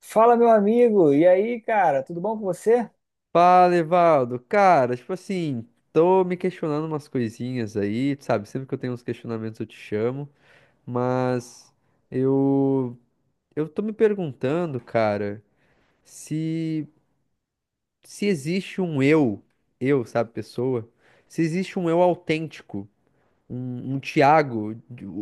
Fala, meu amigo. E aí, cara, tudo bom com você? Fala, Evaldo. Cara, tipo assim, tô me questionando umas coisinhas aí, tu sabe? Sempre que eu tenho uns questionamentos eu te chamo, mas eu eu tô me perguntando, cara, se se existe um eu, sabe, pessoa, se existe um eu autêntico um Thiago,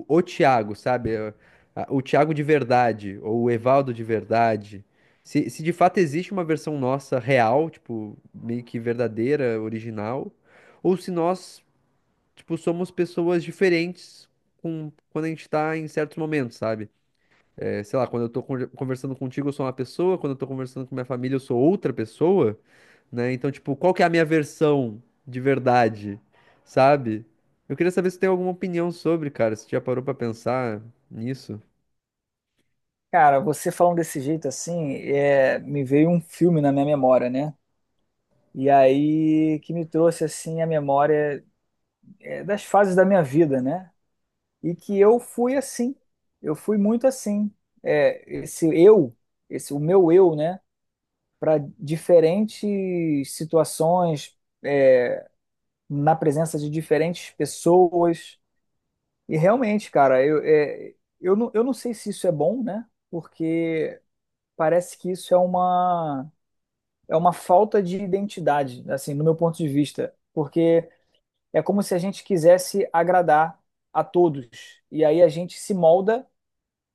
o Thiago, sabe? O Thiago de verdade, ou o Evaldo de verdade. Se de fato existe uma versão nossa real, tipo, meio que verdadeira, original, ou se nós, tipo, somos pessoas diferentes com, quando a gente tá em certos momentos, sabe? É, sei lá, quando eu tô conversando contigo, eu sou uma pessoa, quando eu tô conversando com minha família, eu sou outra pessoa, né? Então, tipo, qual que é a minha versão de verdade, sabe? Eu queria saber se tem alguma opinião sobre, cara, se já parou pra pensar nisso. Cara, você falando desse jeito assim, me veio um filme na minha memória, né? E aí que me trouxe assim a memória das fases da minha vida, né? E que eu fui assim, eu fui muito assim. Esse eu, esse o meu eu, né? Para diferentes situações, é, na presença de diferentes pessoas. E realmente, cara, eu não sei se isso é bom, né? Porque parece que isso é uma falta de identidade, assim, no meu ponto de vista. Porque é como se a gente quisesse agradar a todos. E aí a gente se molda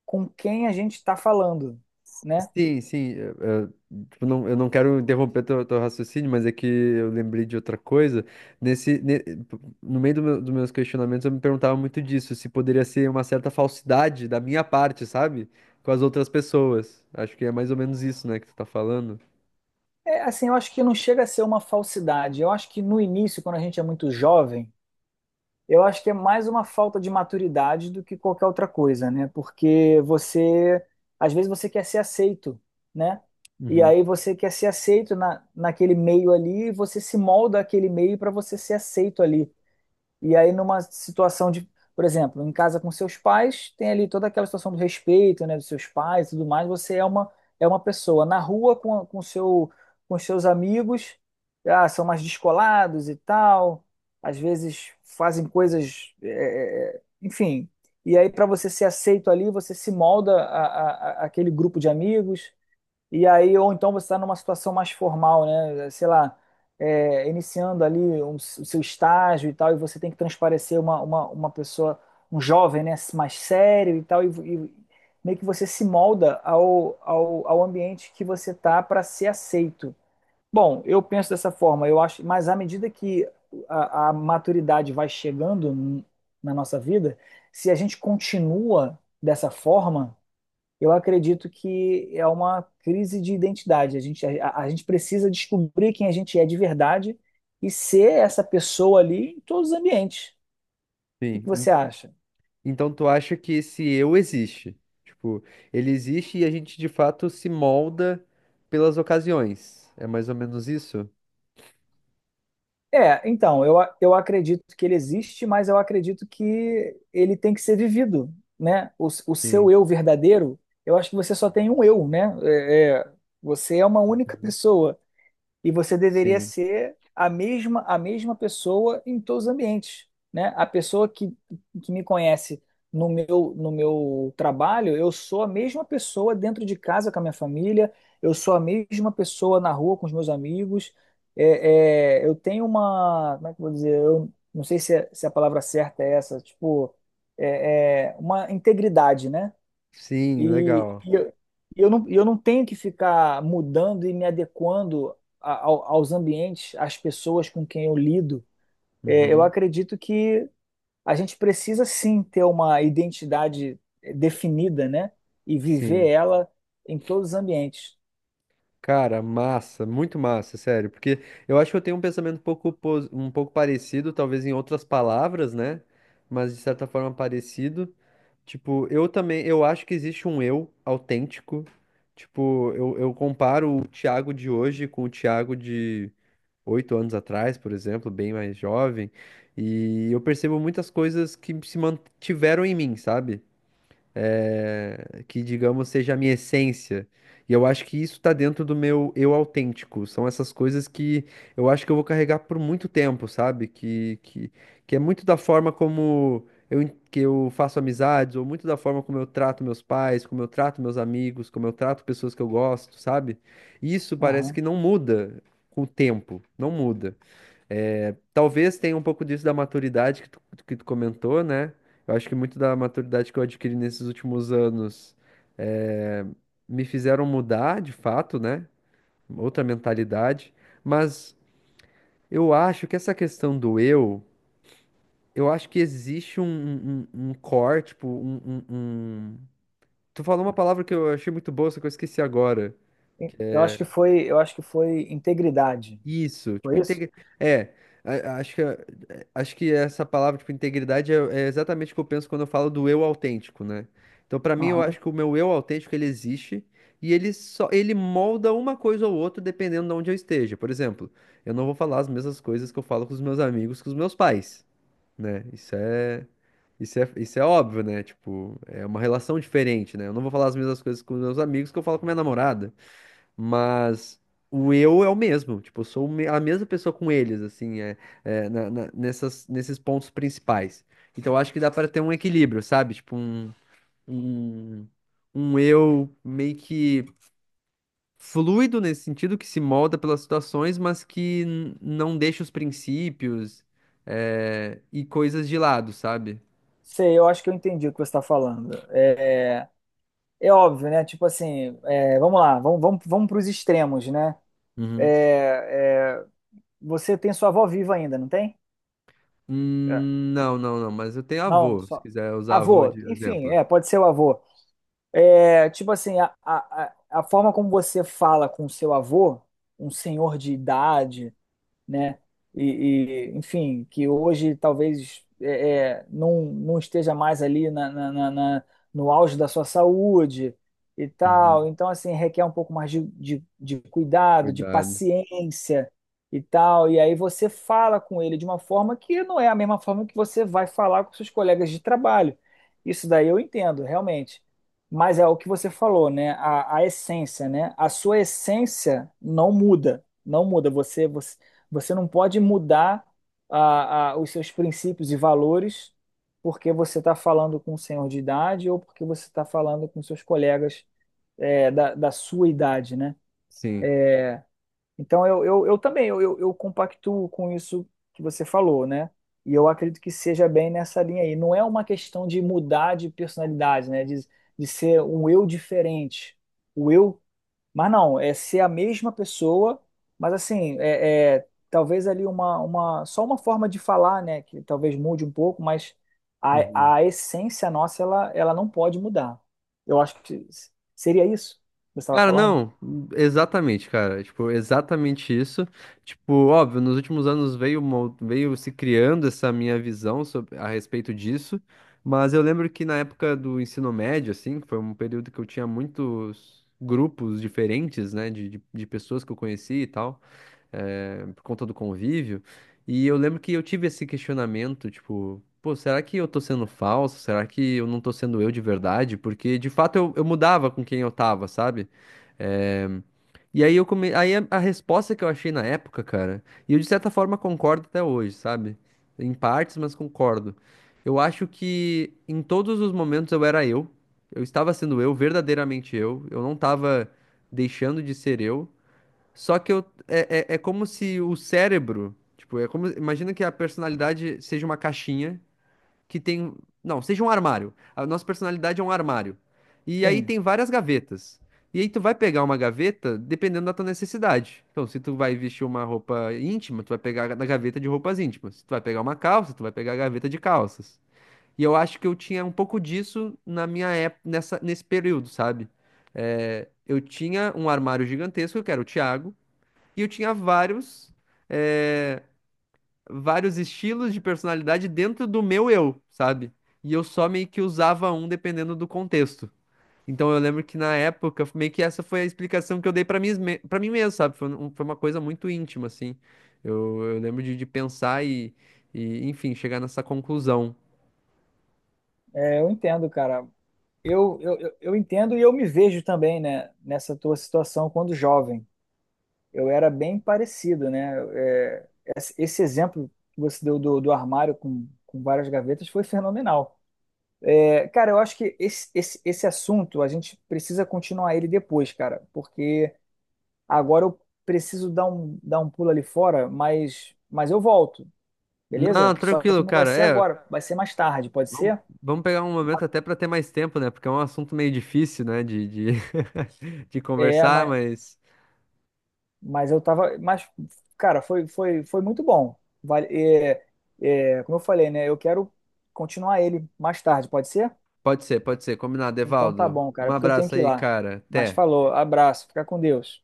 com quem a gente está falando, né? Sim, sim. Tipo, não, eu não quero interromper teu raciocínio, mas é que eu lembrei de outra coisa. Tipo, no meio dos meus questionamentos, eu me perguntava muito disso, se poderia ser uma certa falsidade da minha parte, sabe? Com as outras pessoas. Acho que é mais ou menos isso, né, que tu tá falando. É, assim, eu acho que não chega a ser uma falsidade. Eu acho que no início, quando a gente é muito jovem, eu acho que é mais uma falta de maturidade do que qualquer outra coisa, né? Porque você, às vezes você quer ser aceito, né? E Uhum. aí você quer ser aceito naquele meio ali, e você se molda aquele meio para você ser aceito ali. E aí, numa situação de, por exemplo, em casa com seus pais, tem ali toda aquela situação do respeito, né, dos seus pais e tudo mais, é uma pessoa. Na rua, com os seus amigos, ah, são mais descolados e tal, às vezes fazem coisas, enfim. E aí, para você ser aceito ali, você se molda a- aquele grupo de amigos. E aí, ou então você está numa situação mais formal, né? Sei lá, iniciando ali o seu estágio e tal, e você tem que transparecer uma pessoa, um jovem, né? Mais sério e tal, e meio que você se molda ao ambiente que você tá para ser aceito. Bom, eu penso dessa forma, eu acho, mas à medida que a maturidade vai chegando na nossa vida, se a gente continua dessa forma, eu acredito que é uma crise de identidade. A gente precisa descobrir quem a gente é de verdade e ser essa pessoa ali em todos os ambientes. O que Sim. que você acha? Então tu acha que esse eu existe? Tipo, ele existe e a gente de fato se molda pelas ocasiões. É mais ou menos isso? É, então, eu acredito que ele existe, mas eu acredito que ele tem que ser vivido, né? O seu Sim. eu verdadeiro, eu acho que você só tem um eu, né? Você é uma única Uhum. pessoa. E você deveria Sim. ser a mesma pessoa em todos os ambientes, né? Que me conhece no meu trabalho, eu sou a mesma pessoa dentro de casa com a minha família, eu sou a mesma pessoa na rua com os meus amigos. Eu tenho uma, como é que eu vou dizer? Eu não sei se, se é a palavra certa é essa, tipo, é uma integridade, né? Sim, E, legal. e eu, e eu não tenho que ficar mudando e me adequando aos ambientes, às pessoas com quem eu lido. É, eu Uhum, acredito que a gente precisa sim ter uma identidade, definida, né? E viver sim. ela em todos os ambientes. Cara, massa, muito massa, sério. Porque eu acho que eu tenho um pensamento um pouco, um pouco parecido, talvez em outras palavras, né? Mas de certa forma parecido. Tipo, eu também, eu acho que existe um eu autêntico. Tipo, eu comparo o Thiago de hoje com o Thiago de oito anos atrás, por exemplo, bem mais jovem. E eu percebo muitas coisas que se mantiveram em mim, sabe? Que, digamos, seja a minha essência. E eu acho que isso tá dentro do meu eu autêntico. São essas coisas que eu acho que eu vou carregar por muito tempo, sabe? Que é muito da forma como eu, que eu faço amizades, ou muito da forma como eu trato meus pais, como eu trato meus amigos, como eu trato pessoas que eu gosto, sabe? Isso parece Aham. que não muda com o tempo, não muda. É, talvez tenha um pouco disso da maturidade que tu comentou, né? Eu acho que muito da maturidade que eu adquiri nesses últimos anos eh, me fizeram mudar, de fato, né? Outra mentalidade. Mas eu acho que essa questão do eu acho que existe um core, tipo, tu falou uma palavra que eu achei muito boa, só que eu esqueci agora. Eu acho que foi integridade. Isso, tipo, Foi isso? É, a- acho que, acho que essa palavra, tipo, integridade é exatamente o que eu penso quando eu falo do eu autêntico, né? Então, pra mim, eu Aham. acho que o meu eu autêntico, ele existe e ele só, ele molda uma coisa ou outra dependendo de onde eu esteja. Por exemplo, eu não vou falar as mesmas coisas que eu falo com os meus amigos, com os meus pais, né? Isso é óbvio, né? Tipo, é uma relação diferente, né? Eu não vou falar as mesmas coisas com os meus amigos que eu falo com minha namorada. Mas o eu é o mesmo. Tipo, eu sou a mesma pessoa com eles, assim, nessas, nesses pontos principais. Então, eu acho que dá para ter um equilíbrio, sabe? Tipo, um, um eu meio que fluido nesse sentido, que se molda pelas situações, mas que não deixa os princípios, é, e coisas de lado, sabe? Sei, eu acho que eu entendi o que você está falando. É, é óbvio, né? Tipo assim, é, vamos lá, vamos para os extremos, né? Uhum. É, é, você tem sua avó viva ainda, não tem? É. Não, não, não, mas eu tenho Não, avô, se só. quiser usar avô Avô, de enfim, exemplo. é, pode ser o avô. É, tipo assim, a forma como você fala com o seu avô, um senhor de idade, né? Enfim, que hoje talvez não, não esteja mais ali no auge da sua saúde e Uhum. tal. Então, assim, requer um pouco mais de cuidado, de Cuidado. paciência e tal. E aí você fala com ele de uma forma que não é a mesma forma que você vai falar com seus colegas de trabalho. Isso daí eu entendo, realmente. Mas é o que você falou, né? A essência, né? A sua essência não muda, não muda. Você não pode mudar os seus princípios e valores porque você está falando com um senhor de idade ou porque você está falando com seus colegas da sua idade, né? Sim. Então, eu também, eu compactuo com isso que você falou, né? E eu acredito que seja bem nessa linha aí. Não é uma questão de mudar de personalidade, né? De ser um eu diferente. O eu mas não, é ser a mesma pessoa, mas assim, talvez ali só uma forma de falar, né, que talvez mude um pouco, mas Uhum. a essência nossa, ela não pode mudar. Eu acho que seria isso que você estava Cara, falando? não, exatamente, cara. Tipo, exatamente isso. Tipo, óbvio, nos últimos anos veio, veio se criando essa minha visão a respeito disso, mas eu lembro que na época do ensino médio, assim, que foi um período que eu tinha muitos grupos diferentes, né, de pessoas que eu conheci e tal por conta do convívio. E eu lembro que eu tive esse questionamento, tipo, pô, será que eu tô sendo falso? Será que eu não tô sendo eu de verdade? Porque de fato eu mudava com quem eu tava, sabe? Eh, aí a resposta que eu achei na época, cara, e eu de certa forma concordo até hoje, sabe? Em partes, mas concordo. Eu acho que em todos os momentos eu era eu. Eu estava sendo eu, verdadeiramente eu. Eu não estava deixando de ser eu. Só que eu, é como se o cérebro, tipo, é como, imagina que a personalidade seja uma caixinha que tem, não, seja um armário. A nossa personalidade é um armário. E aí Sim, tem várias gavetas. E aí tu vai pegar uma gaveta dependendo da tua necessidade. Então, se tu vai vestir uma roupa íntima, tu vai pegar na gaveta de roupas íntimas. Se tu vai pegar uma calça, tu vai pegar a gaveta de calças. E eu acho que eu tinha um pouco disso na minha época, nessa, nesse período, sabe? É, eu tinha um armário gigantesco, que era o Thiago. E eu tinha vários, eh, vários estilos de personalidade dentro do meu eu, sabe? E eu só meio que usava um dependendo do contexto. Então eu lembro que na época, meio que essa foi a explicação que eu dei pra mim, pra mim mesmo, sabe? Foi, foi uma coisa muito íntima, assim. Eu lembro de pensar e, enfim, chegar nessa conclusão. é, eu entendo, cara. Eu entendo e eu me vejo também, né, nessa tua situação quando jovem. Eu era bem parecido, né? É, esse exemplo que você deu do armário com várias gavetas foi fenomenal. Cara, eu acho que esse assunto a gente precisa continuar ele depois, cara, porque agora eu preciso dar um pulo ali fora, mas eu volto, Não, beleza? Só que tranquilo, não vai cara. ser É, agora, vai ser mais tarde, pode vamos, ser? vamos pegar um momento até pra ter mais tempo, né? Porque é um assunto meio difícil, né? De É, conversar, mas. mas eu tava. Mas, cara, foi muito bom. Vale, é, como eu falei, né? Eu quero continuar ele mais tarde, pode ser? Pode ser, pode ser. Combinado, Então tá Evaldo. bom, Um cara, porque eu tenho abraço que ir aí, lá. cara. Mas Até. falou, abraço, fica com Deus.